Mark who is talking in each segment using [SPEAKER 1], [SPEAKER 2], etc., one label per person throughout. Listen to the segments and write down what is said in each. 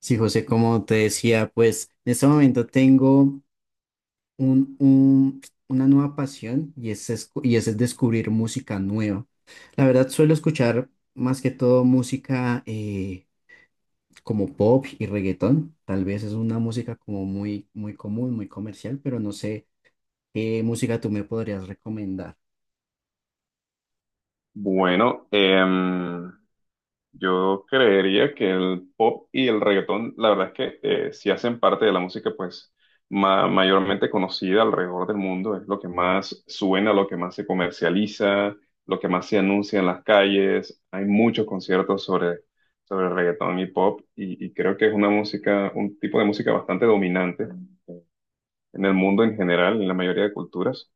[SPEAKER 1] Sí, José, como te decía, pues en este momento tengo un, un- una nueva pasión y es, y es descubrir música nueva. La verdad, suelo escuchar más que todo música como pop y reggaetón. Tal vez es una música como muy, muy común, muy comercial, pero no sé qué música tú me podrías recomendar.
[SPEAKER 2] Bueno, em, yo creería que el pop y el reggaetón, la verdad es que sí hacen parte de la música, pues mayormente conocida alrededor del mundo, es lo que más suena, lo que más se comercializa, lo que más se anuncia en las calles. Hay muchos conciertos sobre reggaetón y pop, y creo que es una música, un tipo de música bastante dominante en el mundo en general, en la mayoría de culturas.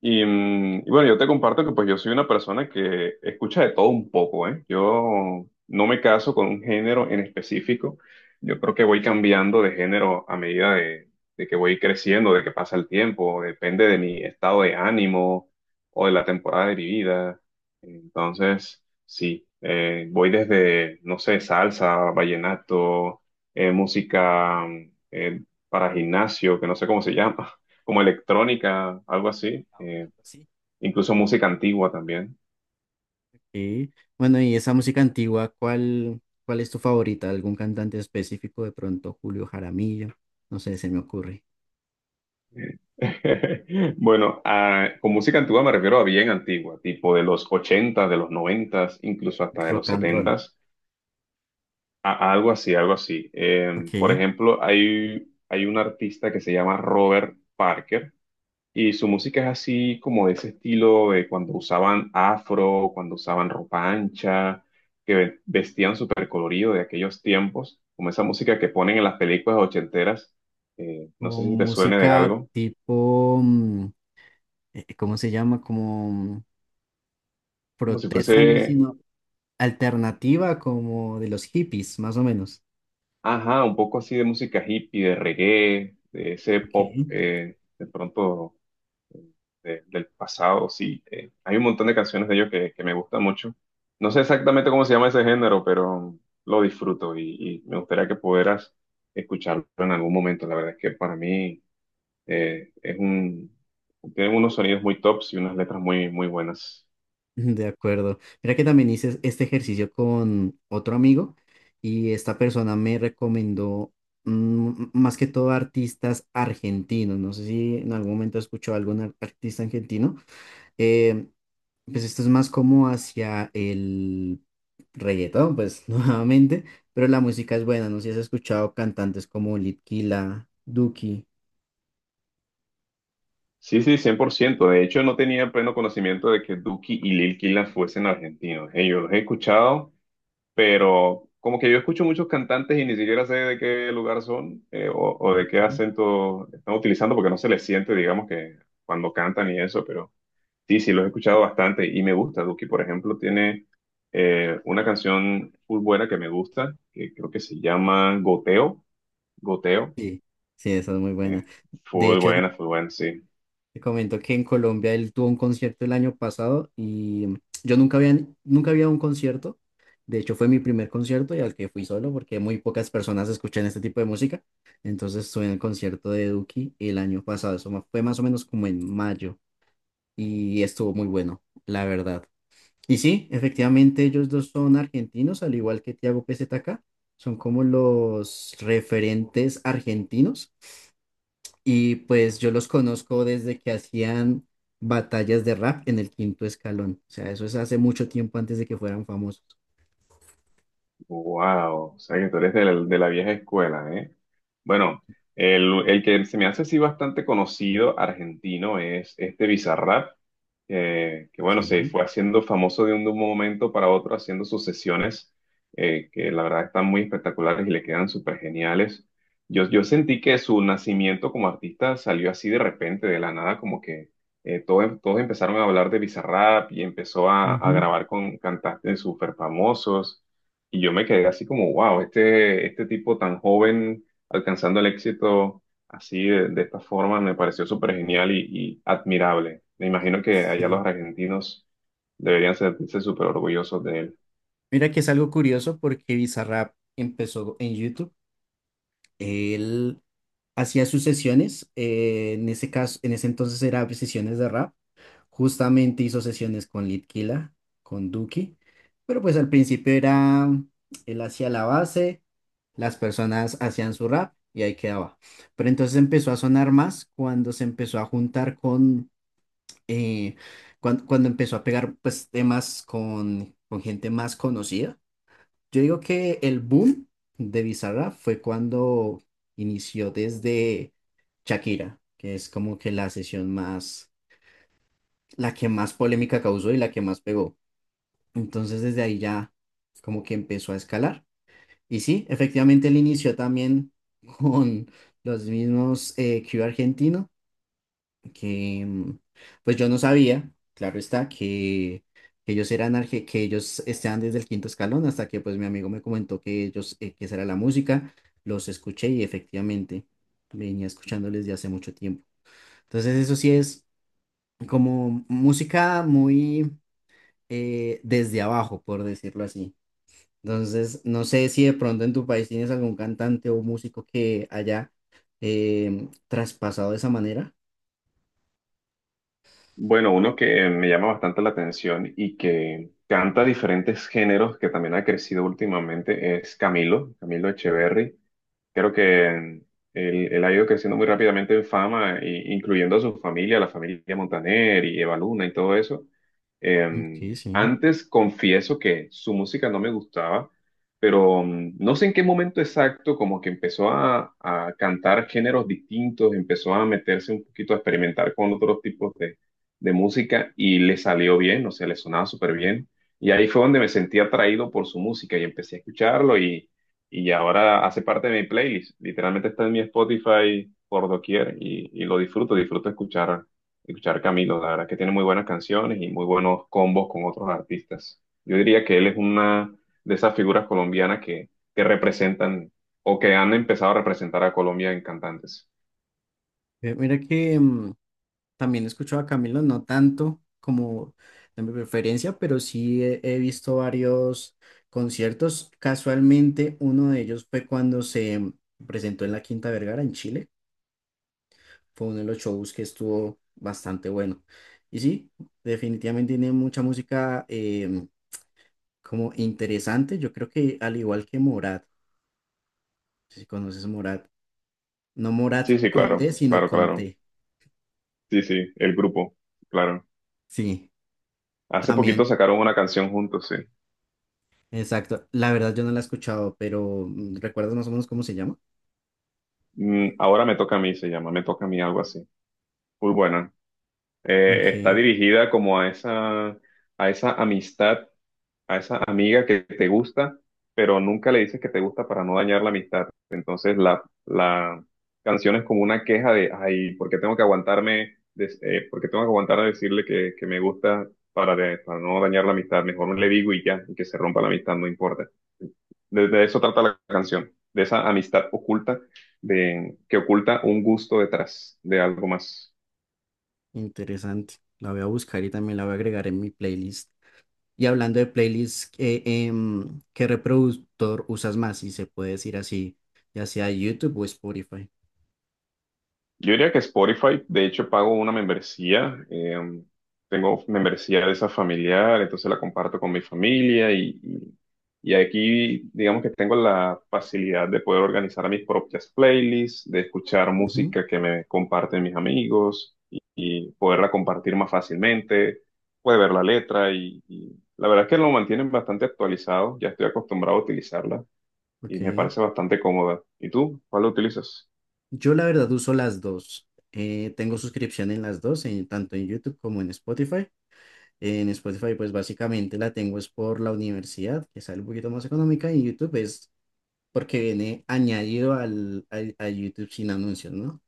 [SPEAKER 2] Y bueno, yo te comparto que pues yo soy una persona que escucha de todo un poco, ¿eh? Yo no me caso con un género en específico. Yo creo que voy cambiando de género a medida de que voy creciendo, de que pasa el tiempo. Depende de mi estado de ánimo o de la temporada de mi vida. Entonces, sí, voy desde, no sé, salsa, vallenato, eh, música mm, eh, para gimnasio, que no sé cómo se llama. Como electrónica, algo así, incluso música antigua también.
[SPEAKER 1] Sí. Bueno, y esa música antigua, ¿cuál, cuál es tu favorita? ¿Algún cantante específico? De pronto Julio Jaramillo, no sé, se me ocurre.
[SPEAKER 2] Bueno, con música antigua me refiero a bien antigua, tipo de los 80 de los 90 incluso hasta de
[SPEAKER 1] Rock
[SPEAKER 2] los
[SPEAKER 1] and roll.
[SPEAKER 2] 70, a algo así, algo así. Por
[SPEAKER 1] Ok.
[SPEAKER 2] ejemplo, hay un artista que se llama Robert Parker. Y su música es así como de ese estilo de cuando usaban afro, cuando usaban ropa ancha, que vestían súper colorido de aquellos tiempos, como esa música que ponen en las películas ochenteras. No sé
[SPEAKER 1] O
[SPEAKER 2] si te suene de
[SPEAKER 1] música
[SPEAKER 2] algo,
[SPEAKER 1] tipo, ¿cómo se llama? Como
[SPEAKER 2] como si
[SPEAKER 1] protesta, no,
[SPEAKER 2] fuese,
[SPEAKER 1] sino alternativa, como de los hippies, más o menos.
[SPEAKER 2] ajá, un poco así de música hippie, de reggae, de ese pop,
[SPEAKER 1] Ok.
[SPEAKER 2] de pronto del pasado, sí. Hay un montón de canciones de ellos que me gustan mucho. No sé exactamente cómo se llama ese género, pero lo disfruto y me gustaría que pudieras escucharlo en algún momento. La verdad es que para mí eh, es un, tienen unos sonidos muy tops y unas letras muy, muy buenas.
[SPEAKER 1] De acuerdo. Mira que también hice este ejercicio con otro amigo y esta persona me recomendó más que todo artistas argentinos. No sé si en algún momento escuchó algún artista argentino. Eh, pues esto es más como hacia el reggaetón, pues nuevamente, pero la música es buena. No sé si has escuchado cantantes como Litkila, Duki.
[SPEAKER 2] Sí, sí, cien por ciento. De hecho, no tenía pleno conocimiento de que Duki y Lil Killah fuesen argentinos. Yo los he escuchado, pero como que yo escucho muchos cantantes y ni siquiera sé de qué lugar son o de qué acento están utilizando porque no se les siente, digamos, que cuando cantan y eso, pero sí, sí, los he escuchado bastante y me gusta. Duki, por ejemplo, tiene una canción full buena que me gusta, que creo que se llama Goteo,
[SPEAKER 1] Sí, sí, esa es muy buena.
[SPEAKER 2] eh,
[SPEAKER 1] De hecho,
[SPEAKER 2] full buena, sí.
[SPEAKER 1] te comento que en Colombia él tuvo un concierto el año pasado y yo nunca había, nunca había un concierto. De hecho, fue mi primer concierto y al que fui solo porque muy pocas personas escuchan este tipo de música. Entonces estuve en el concierto de Duki el año pasado. Eso fue más o menos como en mayo y estuvo muy bueno, la verdad. Y sí, efectivamente ellos dos son argentinos, al igual que Tiago PZK. Son como los referentes argentinos y pues yo los conozco desde que hacían batallas de rap en el quinto escalón. O sea, eso es hace mucho tiempo antes de que fueran famosos.
[SPEAKER 2] Wow, o sea que tú eres de la vieja escuela, ¿eh? Bueno, el que se me hace así bastante conocido argentino es este Bizarrap, que bueno, se
[SPEAKER 1] Sí.
[SPEAKER 2] fue haciendo famoso de un momento para otro, haciendo sus sesiones, que la verdad están muy espectaculares y le quedan súper geniales. Yo sentí que su nacimiento como artista salió así de repente, de la nada, como que todos empezaron a hablar de Bizarrap y empezó a
[SPEAKER 1] Ujú.
[SPEAKER 2] grabar con cantantes súper famosos. Y yo me quedé así como, wow, este tipo tan joven alcanzando el éxito así de esta forma me pareció súper genial y admirable. Me imagino que allá
[SPEAKER 1] Sí.
[SPEAKER 2] los argentinos deberían sentirse súper orgullosos de él.
[SPEAKER 1] Mira que es algo curioso porque Bizarrap empezó en YouTube. Él hacía sus sesiones, en ese caso, en ese entonces era sesiones de rap. Justamente hizo sesiones con Litkila, con Duki, pero pues al principio era, él hacía la base, las personas hacían su rap y ahí quedaba. Pero entonces empezó a sonar más cuando se empezó a juntar con, eh, cuando, empezó a pegar pues temas con gente más conocida. Yo digo que el boom de Bizarra fue cuando inició desde Shakira, que es como que la sesión más, la que más polémica causó y la que más pegó. Entonces desde ahí ya como que empezó a escalar. Y sí, efectivamente él inició también con los mismos Q argentino, que pues yo no sabía, claro está, que ellos eran que ellos estaban desde el quinto escalón hasta que pues mi amigo me comentó que ellos, que esa era la música, los escuché y efectivamente venía escuchándoles de hace mucho tiempo. Entonces eso sí es como música muy desde abajo, por decirlo así. Entonces, no sé si de pronto en tu país tienes algún cantante o músico que haya traspasado de esa manera.
[SPEAKER 2] Bueno, uno que me llama bastante la atención y que canta diferentes géneros que también ha crecido últimamente es Camilo, Camilo Echeverry. Creo que él, Él ha ido creciendo muy rápidamente en fama, incluyendo a su familia, la familia Montaner y Eva Luna y todo eso. Eh,
[SPEAKER 1] Ok, sí.
[SPEAKER 2] Antes confieso que su música no me gustaba, pero no sé en qué momento exacto como que empezó a cantar géneros distintos, empezó a meterse un poquito a experimentar con otros tipos de música y le salió bien, o sea, le sonaba súper bien. Y ahí fue donde me sentí atraído por su música y empecé a escucharlo y ahora hace parte de mi playlist. Literalmente está en mi Spotify por doquier y lo disfruto, disfruto escuchar, escuchar Camilo. La verdad que tiene muy buenas canciones y muy buenos combos con otros artistas. Yo diría que él es una de esas figuras colombianas que representan o que han empezado a representar a Colombia en cantantes.
[SPEAKER 1] Mira que también he escuchado a Camilo, no tanto como de mi preferencia, pero sí he, he visto varios conciertos. Casualmente, uno de ellos fue cuando se presentó en la Quinta Vergara en Chile. Fue uno de los shows que estuvo bastante bueno. Y sí, definitivamente tiene mucha música como interesante. Yo creo que al igual que Morat, si conoces Morat, no Morat
[SPEAKER 2] Sí, sí,
[SPEAKER 1] con
[SPEAKER 2] claro,
[SPEAKER 1] D, sino
[SPEAKER 2] claro,
[SPEAKER 1] con
[SPEAKER 2] claro.
[SPEAKER 1] T.
[SPEAKER 2] Sí, sí, el grupo, claro.
[SPEAKER 1] Sí,
[SPEAKER 2] Hace
[SPEAKER 1] también,
[SPEAKER 2] poquito sacaron una canción juntos, sí.
[SPEAKER 1] exacto. La verdad yo no la he escuchado, pero ¿recuerdas más o menos cómo se llama?
[SPEAKER 2] Mm, ahora me toca a mí, se llama, me toca a mí algo así. Muy buena. Está
[SPEAKER 1] Ok,
[SPEAKER 2] dirigida como a esa amistad, a esa amiga que te gusta, pero nunca le dices que te gusta para no dañar la amistad. Entonces la canción es como una queja de, ay, ¿por qué tengo que aguantarme, por qué tengo que aguantar a decirle que me gusta para no dañar la amistad? Mejor no le digo y ya, y que se rompa la amistad, no importa. De eso trata la canción, de esa amistad oculta, de, que oculta un gusto detrás de algo más.
[SPEAKER 1] interesante. La voy a buscar y también la voy a agregar en mi playlist. Y hablando de playlists, ¿qué reproductor usas más? Si se puede decir así, ya sea YouTube o Spotify.
[SPEAKER 2] Yo diría que Spotify, de hecho, pago una membresía. Tengo membresía de esa familiar, entonces la comparto con mi familia y aquí, digamos que tengo la facilidad de poder organizar mis propias playlists, de escuchar
[SPEAKER 1] Ujú,
[SPEAKER 2] música que me comparten mis amigos y poderla compartir más fácilmente. Puede ver la letra y la verdad es que lo mantienen bastante actualizado. Ya estoy acostumbrado a utilizarla y me
[SPEAKER 1] ok.
[SPEAKER 2] parece bastante cómoda. ¿Y tú? ¿Cuál lo utilizas?
[SPEAKER 1] Yo la verdad uso las dos. Tengo suscripción en las dos, tanto en YouTube como en Spotify. En Spotify pues básicamente la tengo es por la universidad, que sale un poquito más económica, y en YouTube es porque viene añadido al, a YouTube sin anuncios, ¿no?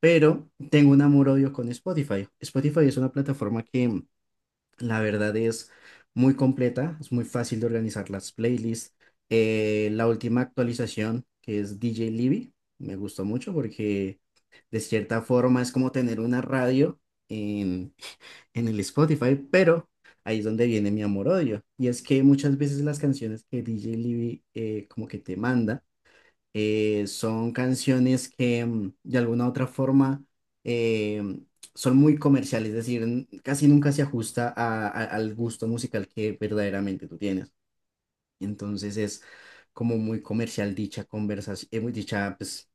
[SPEAKER 1] Pero tengo un amor-odio con Spotify. Spotify es una plataforma que... la verdad es muy completa, es muy fácil de organizar las playlists. La última actualización, que es DJ Libby, me gustó mucho porque de cierta forma es como tener una radio en, en el Spotify, pero ahí es donde viene mi amor-odio. Y es que muchas veces las canciones que DJ Libby como que te manda, son canciones que de alguna u otra forma eh, son muy comerciales, es decir, casi nunca se ajusta al gusto musical que verdaderamente tú tienes. Entonces es como muy comercial dicha conversación, dicha pues,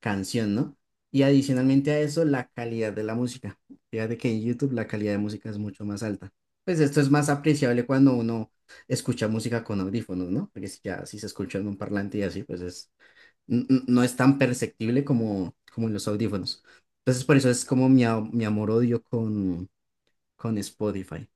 [SPEAKER 1] canción, ¿no? Y adicionalmente a eso, la calidad de la música. Fíjate que en YouTube la calidad de música es mucho más alta. Pues esto es más apreciable cuando uno escucha música con audífonos, ¿no? Porque si ya si se escucha en un parlante y así, pues es no es tan perceptible como, como en los audífonos. Entonces, por eso es como mi, mi amor-odio con Spotify.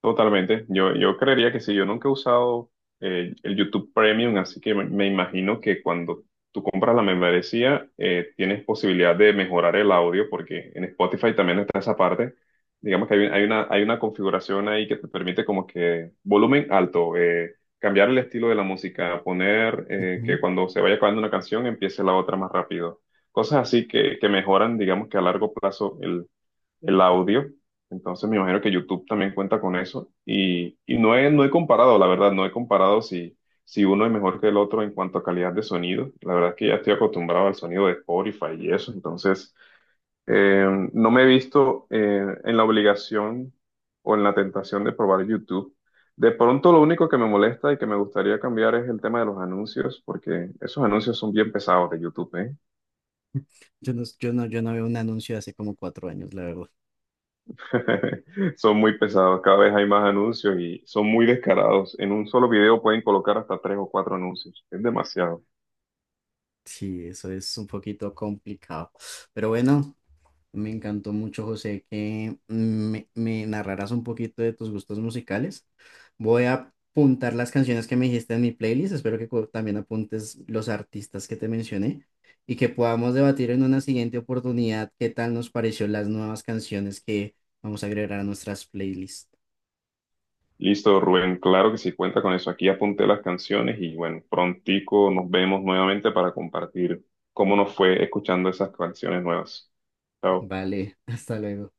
[SPEAKER 2] Totalmente. Yo creería que sí. Yo nunca he usado el YouTube Premium, así que me imagino que cuando tú compras la membresía, tienes posibilidad de mejorar el audio, porque en Spotify también está esa parte. Digamos que hay una configuración ahí que te permite como que volumen alto, cambiar el estilo de la música, poner
[SPEAKER 1] Ujú.
[SPEAKER 2] que cuando se vaya acabando una canción empiece la otra más rápido. Cosas así que mejoran, digamos que a largo plazo el audio. Entonces me imagino que YouTube también cuenta con eso. Y no he comparado, la verdad, no he comparado si, si uno es mejor que el otro en cuanto a calidad de sonido. La verdad es que ya estoy acostumbrado al sonido de Spotify y eso. Entonces, no me he visto en la obligación o en la tentación de probar YouTube. De pronto lo único que me molesta y que me gustaría cambiar es el tema de los anuncios, porque esos anuncios son bien pesados de YouTube, ¿eh?
[SPEAKER 1] Yo no veo un anuncio de hace como cuatro años, la verdad.
[SPEAKER 2] Son muy pesados, cada vez hay más anuncios y son muy descarados. En un solo video pueden colocar hasta tres o cuatro anuncios. Es demasiado.
[SPEAKER 1] Sí, eso es un poquito complicado. Pero bueno, me encantó mucho, José, que me narraras un poquito de tus gustos musicales. Voy a apuntar las canciones que me dijiste en mi playlist. Espero que también apuntes los artistas que te mencioné y que podamos debatir en una siguiente oportunidad qué tal nos pareció las nuevas canciones que vamos a agregar a nuestras playlists.
[SPEAKER 2] Listo, Rubén, claro que sí, cuenta con eso. Aquí apunté las canciones y bueno, prontico nos vemos nuevamente para compartir cómo nos fue escuchando esas canciones nuevas. Chao.
[SPEAKER 1] Vale, hasta luego.